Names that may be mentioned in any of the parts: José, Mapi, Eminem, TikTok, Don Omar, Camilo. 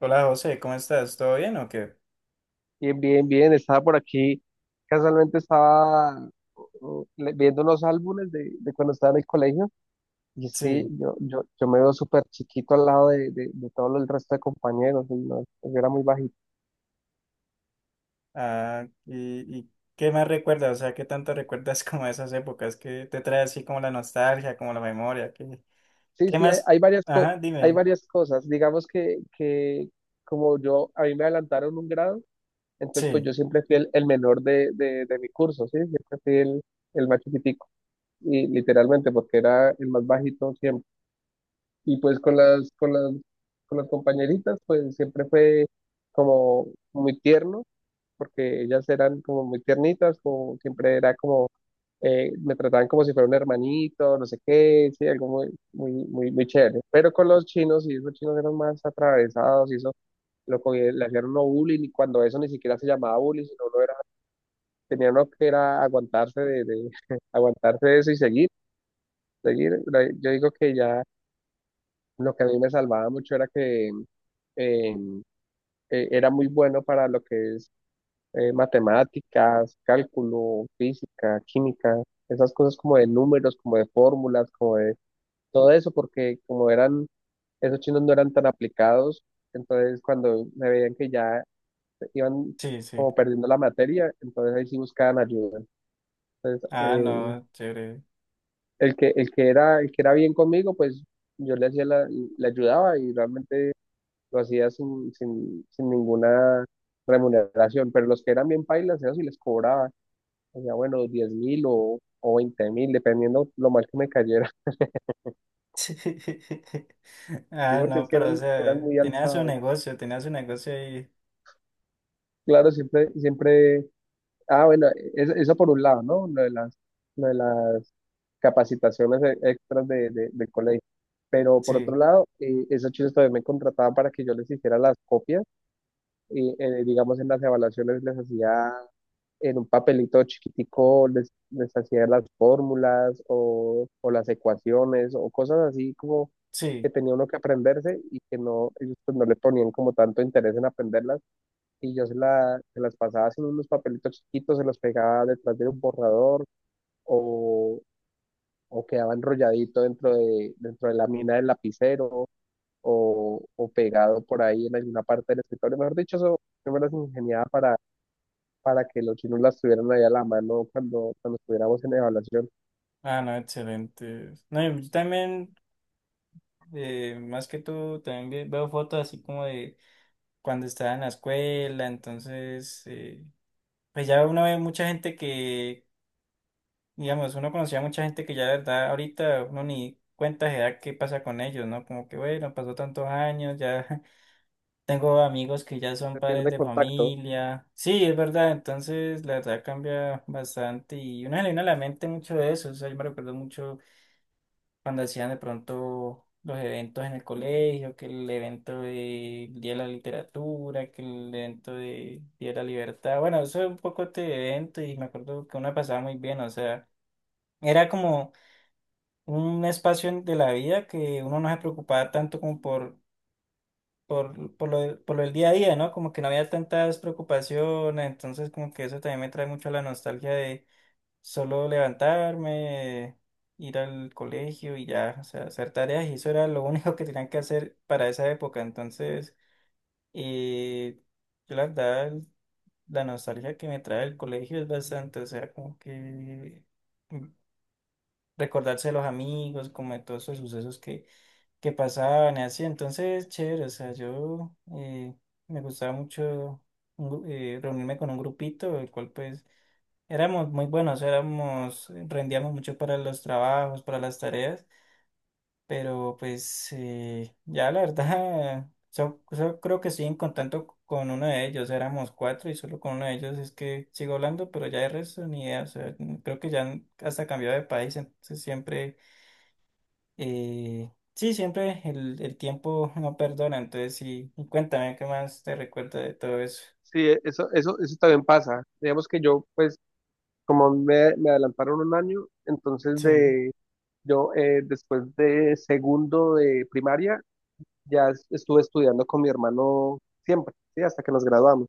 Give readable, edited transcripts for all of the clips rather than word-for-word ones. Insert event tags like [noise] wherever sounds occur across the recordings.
Hola José, ¿cómo estás? ¿Todo bien o qué? Bien, bien, bien. Estaba por aquí. Casualmente estaba viendo unos álbumes de cuando estaba en el colegio. Y es que Sí. yo me veo súper chiquito al lado de todo el resto de compañeros. Y no, yo era muy bajito. Ah, y ¿qué más recuerdas? O sea, ¿qué tanto [laughs] recuerdas como esas épocas que te trae así como la nostalgia, como la memoria? ¿Qué, Sí, qué sí, más? Ajá, hay dime. varias cosas. Digamos que como yo, a mí me adelantaron un grado, entonces pues Sí. yo siempre fui el menor de mi curso, ¿sí? Siempre fui el más chiquitico. Y literalmente porque era el más bajito siempre. Y pues con las compañeritas, pues siempre fue como muy tierno, porque ellas eran como muy tiernitas, como siempre era como, me trataban como si fuera un hermanito, no sé qué, sí, algo muy, muy, muy, muy chévere. Pero con los chinos, y esos chinos eran más atravesados, y eso, le hacían uno bullying, y cuando eso ni siquiera se llamaba bullying, sino uno era, tenía uno que era aguantarse de [laughs] aguantarse de eso y seguir, seguir. Yo digo que ya. Lo que a mí me salvaba mucho era que eh, era muy bueno para lo que es matemáticas, cálculo, física, química, esas cosas como de números, como de fórmulas, como de todo eso, porque como eran, esos chinos no eran tan aplicados, entonces cuando me veían que ya iban Sí, sí. como perdiendo la materia, entonces ahí sí buscaban ayuda. Entonces, Ah, no, chévere. [laughs] el que era bien conmigo, pues yo le hacía la, le ayudaba y realmente lo hacía sin ninguna remuneración, pero los que eran bien pailas, eso sí les cobraba, hacía bueno, 10,000 o 20,000, dependiendo lo mal que me cayera, Sí. [laughs] sí, Ah, porque no, es que pero o eran sea, muy tenía su alzados. negocio, tenía su negocio ahí. Claro, siempre, siempre, ah, bueno, eso por un lado, ¿no? Lo de las capacitaciones extras del colegio. Pero por otro Sí, lado, esos chicos todavía me contrataban para que yo les hiciera las copias y digamos en las evaluaciones les hacía en un papelito chiquitico, les hacía las fórmulas o las ecuaciones o cosas así como que sí. tenía uno que aprenderse y que no, ellos pues no le ponían como tanto interés en aprenderlas y yo se las pasaba en unos papelitos chiquitos, se los pegaba detrás de un borrador o, o quedaba enrolladito dentro dentro de la mina del lapicero o pegado por ahí en alguna parte del escritorio. Mejor dicho, eso yo me las ingeniaba para que los chinos las tuvieran ahí a la mano cuando estuviéramos en evaluación. Ah, no, excelente. No, yo también, más que tú, también veo fotos así como de cuando estaba en la escuela, entonces, pues ya uno ve mucha gente que, digamos, uno conocía mucha gente que ya la verdad ahorita uno ni cuenta se da qué pasa con ellos, ¿no? Como que, bueno, pasó tantos años, ya [laughs] tengo amigos que ya son Se padres pierde de contacto. familia. Sí, es verdad, entonces la verdad cambia bastante y uno le viene a la mente mucho de eso, o sea, yo me recuerdo mucho cuando hacían de pronto los eventos en el colegio, que el evento de Día de la Literatura, que el evento de Día de la Libertad. Bueno, eso es un poco este evento y me acuerdo que uno pasaba muy bien, o sea, era como un espacio de la vida que uno no se preocupaba tanto como por… Por lo del día a día, ¿no? Como que no había tantas preocupaciones, entonces como que eso también me trae mucho la nostalgia. Solo levantarme, ir al colegio y ya, o sea, hacer tareas y eso era lo único que tenían que hacer para esa época. Entonces, eh, yo la verdad, la nostalgia que me trae el colegio es bastante, o sea, como que mm, recordarse de los amigos, como de todos esos sucesos que pasaban y así. Entonces, chévere, o sea, yo me gustaba mucho reunirme con un grupito, el cual pues éramos muy buenos, éramos, rendíamos mucho para los trabajos, para las tareas, pero pues ya la verdad, [laughs] yo creo que estoy en contacto con uno de ellos, éramos cuatro y solo con uno de ellos es que sigo hablando, pero ya de resto ni idea, o sea, creo que ya hasta cambió de país, entonces siempre, sí, siempre el tiempo no perdona, entonces sí, y cuéntame qué más te recuerda de todo eso. Sí, eso también pasa. Digamos que yo, pues, como me adelantaron un año, entonces Sí. de yo después de segundo de primaria ya estuve estudiando con mi hermano siempre, ¿sí? Hasta que nos graduamos.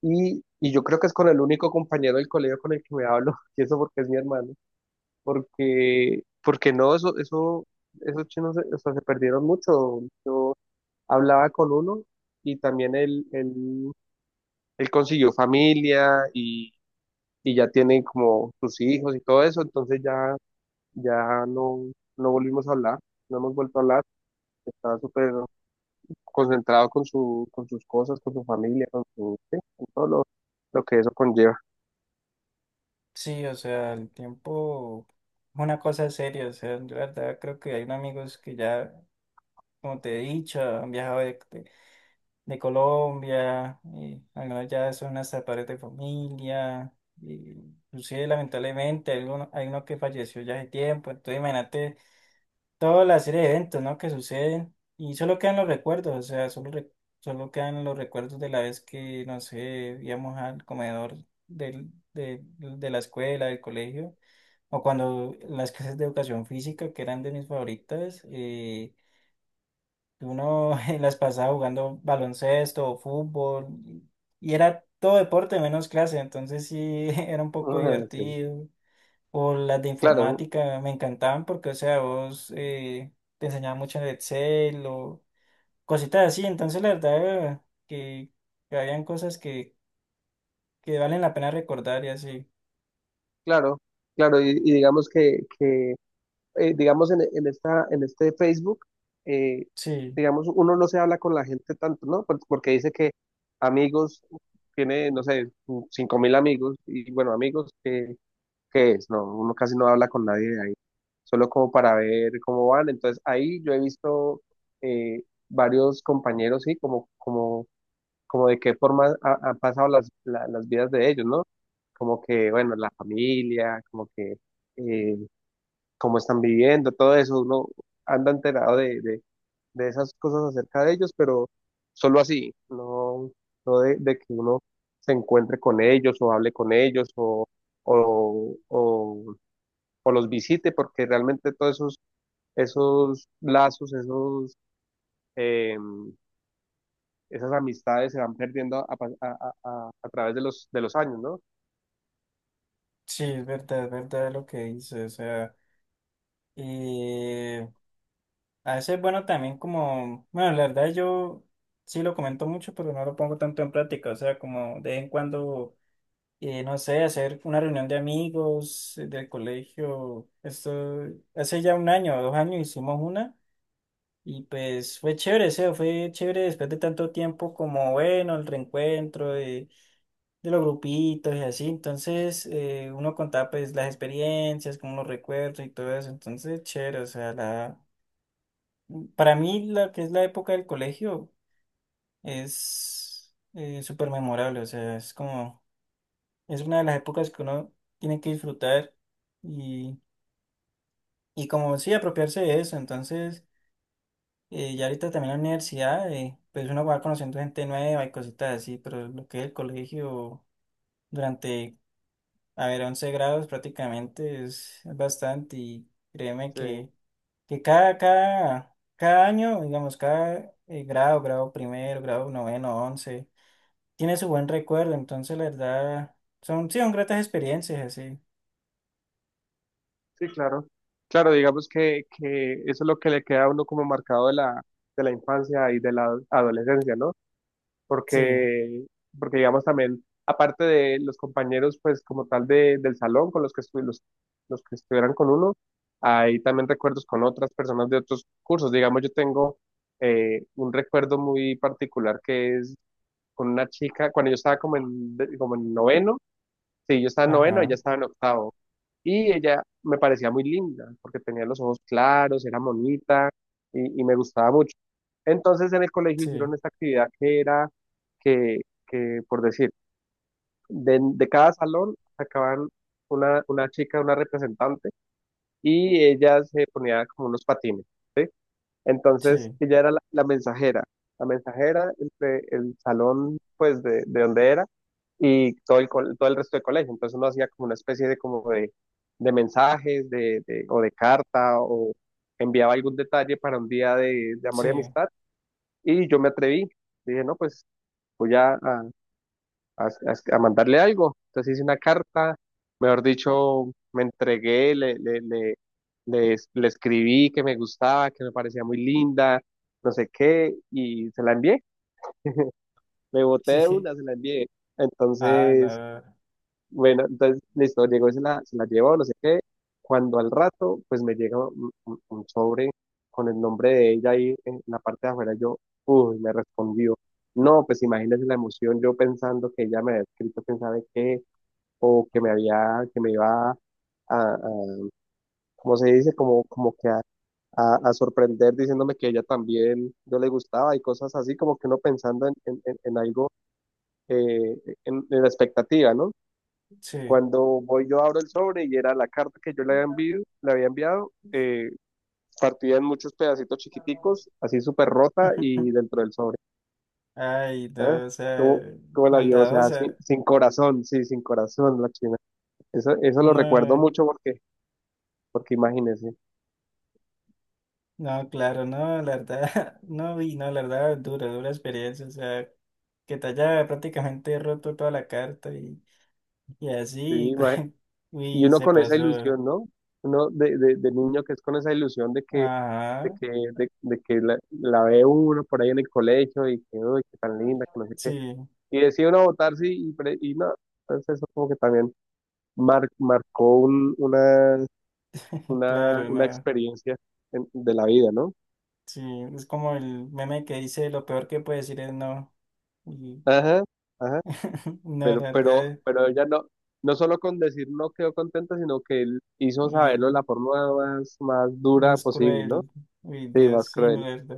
Y yo creo que es con el único compañero del colegio con el que me hablo, [laughs] y eso porque es mi hermano, porque no, esos chinos, o sea, se perdieron mucho. Hablaba con uno y también él consiguió familia y ya tiene como sus hijos y todo eso, entonces ya no, no volvimos a hablar, no hemos vuelto a hablar, estaba súper concentrado con con sus cosas, con su familia, con su, sí, con todo lo que eso conlleva. [laughs] Sí, o sea, el tiempo es una cosa seria, o sea, yo la verdad creo que hay amigos que ya, como te he dicho, han viajado de Colombia, y algunos ya son hasta padres de familia, y inclusive lamentablemente hay uno que falleció ya hace tiempo, entonces imagínate toda la serie de eventos, ¿no? Que suceden, y solo quedan los recuerdos, o sea, solo quedan los recuerdos de la vez que, no sé, íbamos al comedor de la escuela, del colegio o cuando las clases de educación física, que eran de mis favoritas, uno [laughs] en las pasaba jugando baloncesto o fútbol, y era todo deporte menos clase, entonces sí [laughs] era un poco Ah, sí. divertido. O las de Claro, informática me encantaban porque, o sea, vos te enseñaban mucho de Excel o cositas así, entonces la verdad que, que habían cosas que valen la pena recordar y así. claro, claro, y digamos que digamos, en este Facebook, eh, Sí, digamos, uno no se habla con la gente tanto, ¿no? Por- Porque dice que amigos, tiene, no sé, 5,000 amigos, y bueno, amigos, ¿qué es? No, uno casi no habla con nadie de ahí, solo como para ver cómo van. Entonces, ahí yo he visto eh, varios compañeros, sí, como de qué forma han pasado las vidas de ellos, ¿no? Como que, bueno, la familia, como que... eh, cómo están viviendo, todo eso, uno anda enterado de esas cosas acerca de ellos, pero solo así, no, de que uno se encuentre con ellos o hable con ellos o, o, o los visite, porque realmente todos esos, esos lazos, esos, eh, esas amistades se van perdiendo a, pa- a través de los años, ¿no? sí, es verdad lo que dices, o sea. Y a veces, bueno, también como, bueno, la verdad yo sí lo comento mucho, pero no lo pongo tanto en práctica. O sea, como de vez en cuando, no sé, hacer una reunión de amigos del colegio. Esto, hace ya un año o dos años hicimos una y pues fue chévere, o sea, fue chévere después de tanto tiempo como, bueno, el reencuentro de los grupitos y así. Entonces, uno contaba pues las experiencias, como los recuerdos y todo eso. Entonces, chévere, o sea, la… Para mí, la que es la época del colegio es súper memorable, o sea, es como, es una de las épocas que uno tiene que disfrutar y, y como sí, apropiarse de eso. Entonces, ya ahorita también en la universidad, pues uno va conociendo gente nueva y cositas así, pero lo que es el colegio durante, a ver, 11 grados prácticamente es bastante y créeme Sí. Que cada año, digamos, cada grado, grado primero, grado noveno, once tiene su buen recuerdo, entonces la verdad son, sí, son gratas experiencias, así. Sí, claro. Claro, digamos que eso es lo que le queda a uno como marcado de de la infancia y de la adolescencia, ¿no? Sí, Porque, porque digamos también, aparte de los compañeros, pues como tal del salón con los que, los que estuvieran con uno, hay también recuerdos con otras personas de otros cursos. Digamos, yo tengo un recuerdo muy particular que es con una chica, cuando yo estaba como en noveno. Sí, yo estaba en noveno, ella ajá, estaba en octavo. Y ella me parecía muy linda, porque tenía los ojos claros, era bonita y me gustaba mucho. Entonces en el colegio sí, hicieron esta actividad que era que, que por decir, de cada salón sacaban una chica, una representante, y ella se ponía como unos patines. ¿Sí? Entonces sí, ella era la mensajera entre el salón, pues, de donde era y todo el resto del colegio. Entonces uno hacía como una especie de, como de mensajes o de carta o enviaba algún detalle para un día de amor sí, y amistad. Y yo me atreví, dije, no, pues voy a mandarle algo. Entonces hice una carta, mejor dicho, me entregué, le escribí que me gustaba, que me parecía muy linda, no sé qué, y se la envié. Me boté sí, de sí. una, se la envié. Ah, Entonces, no, bueno, entonces, listo, llegó y se la llevó, no sé qué. Cuando al rato, pues me llega un sobre con el nombre de ella ahí en la parte de afuera, yo, uy, me respondió. No, pues imagínese la emoción, yo pensando que ella me había escrito, quién sabe qué, o que me había, que me iba a- ¿cómo se dice? Como, como que a sorprender diciéndome que ella también no le gustaba y cosas así, como que uno pensando en algo, eh, en la expectativa, ¿no? sí. Cuando voy yo abro el sobre y era la carta que yo le había enviado, partida en muchos pedacitos chiquiticos, así súper rota y [laughs] dentro del sobre. Ay, ¿Eh? no, o sea, ¿Cómo, cómo la vio? O sea, sin, maldadosa. sin corazón, sí, sin corazón la china. Eso lo recuerdo No, mucho porque imagínense. no, claro, no, la verdad, [laughs] no, y no, la verdad, dura, dura experiencia, o sea, que te haya prácticamente roto toda la carta y Sí, así, [laughs] y uy uno se con esa pasó. ilusión, ¿no? Uno de niño que es con esa ilusión de que, de Ajá, que, de que la ve uno por ahí en el colegio y que, uy, qué tan linda, que no sé qué. sí. Y decide uno votar, sí, y no. Entonces eso como que también marcó Claro, una no. experiencia de la vida, ¿no? Sí, es como el meme que dice lo peor que puede decir es no. Y Ajá, ajá. [laughs] no, Pero, la pero, verdad, pero ella no solo con decir no quedó contenta, sino que él hizo saberlo de y la forma más dura más posible, ¿no? cruel. Uy, Sí, Dios, más sí, no, cruel. la verdad.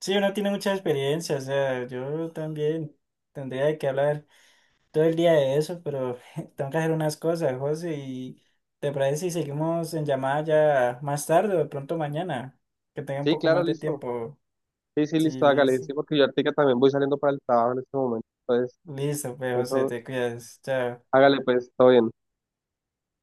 Sí, uno tiene mucha experiencia, o sea, yo también tendría que hablar todo el día de eso, pero [laughs] tengo que hacer unas cosas, José, y te parece si seguimos en llamada ya más tarde o de pronto mañana, que tenga un Sí, poco claro, más de listo. tiempo. Sí, sí, Sí, listo, hágale. listo. Sí, porque yo ahorita también voy saliendo para el trabajo en este momento. Entonces, Listo, pues, José, eso, te cuidas. Chao. hágale pues, todo bien.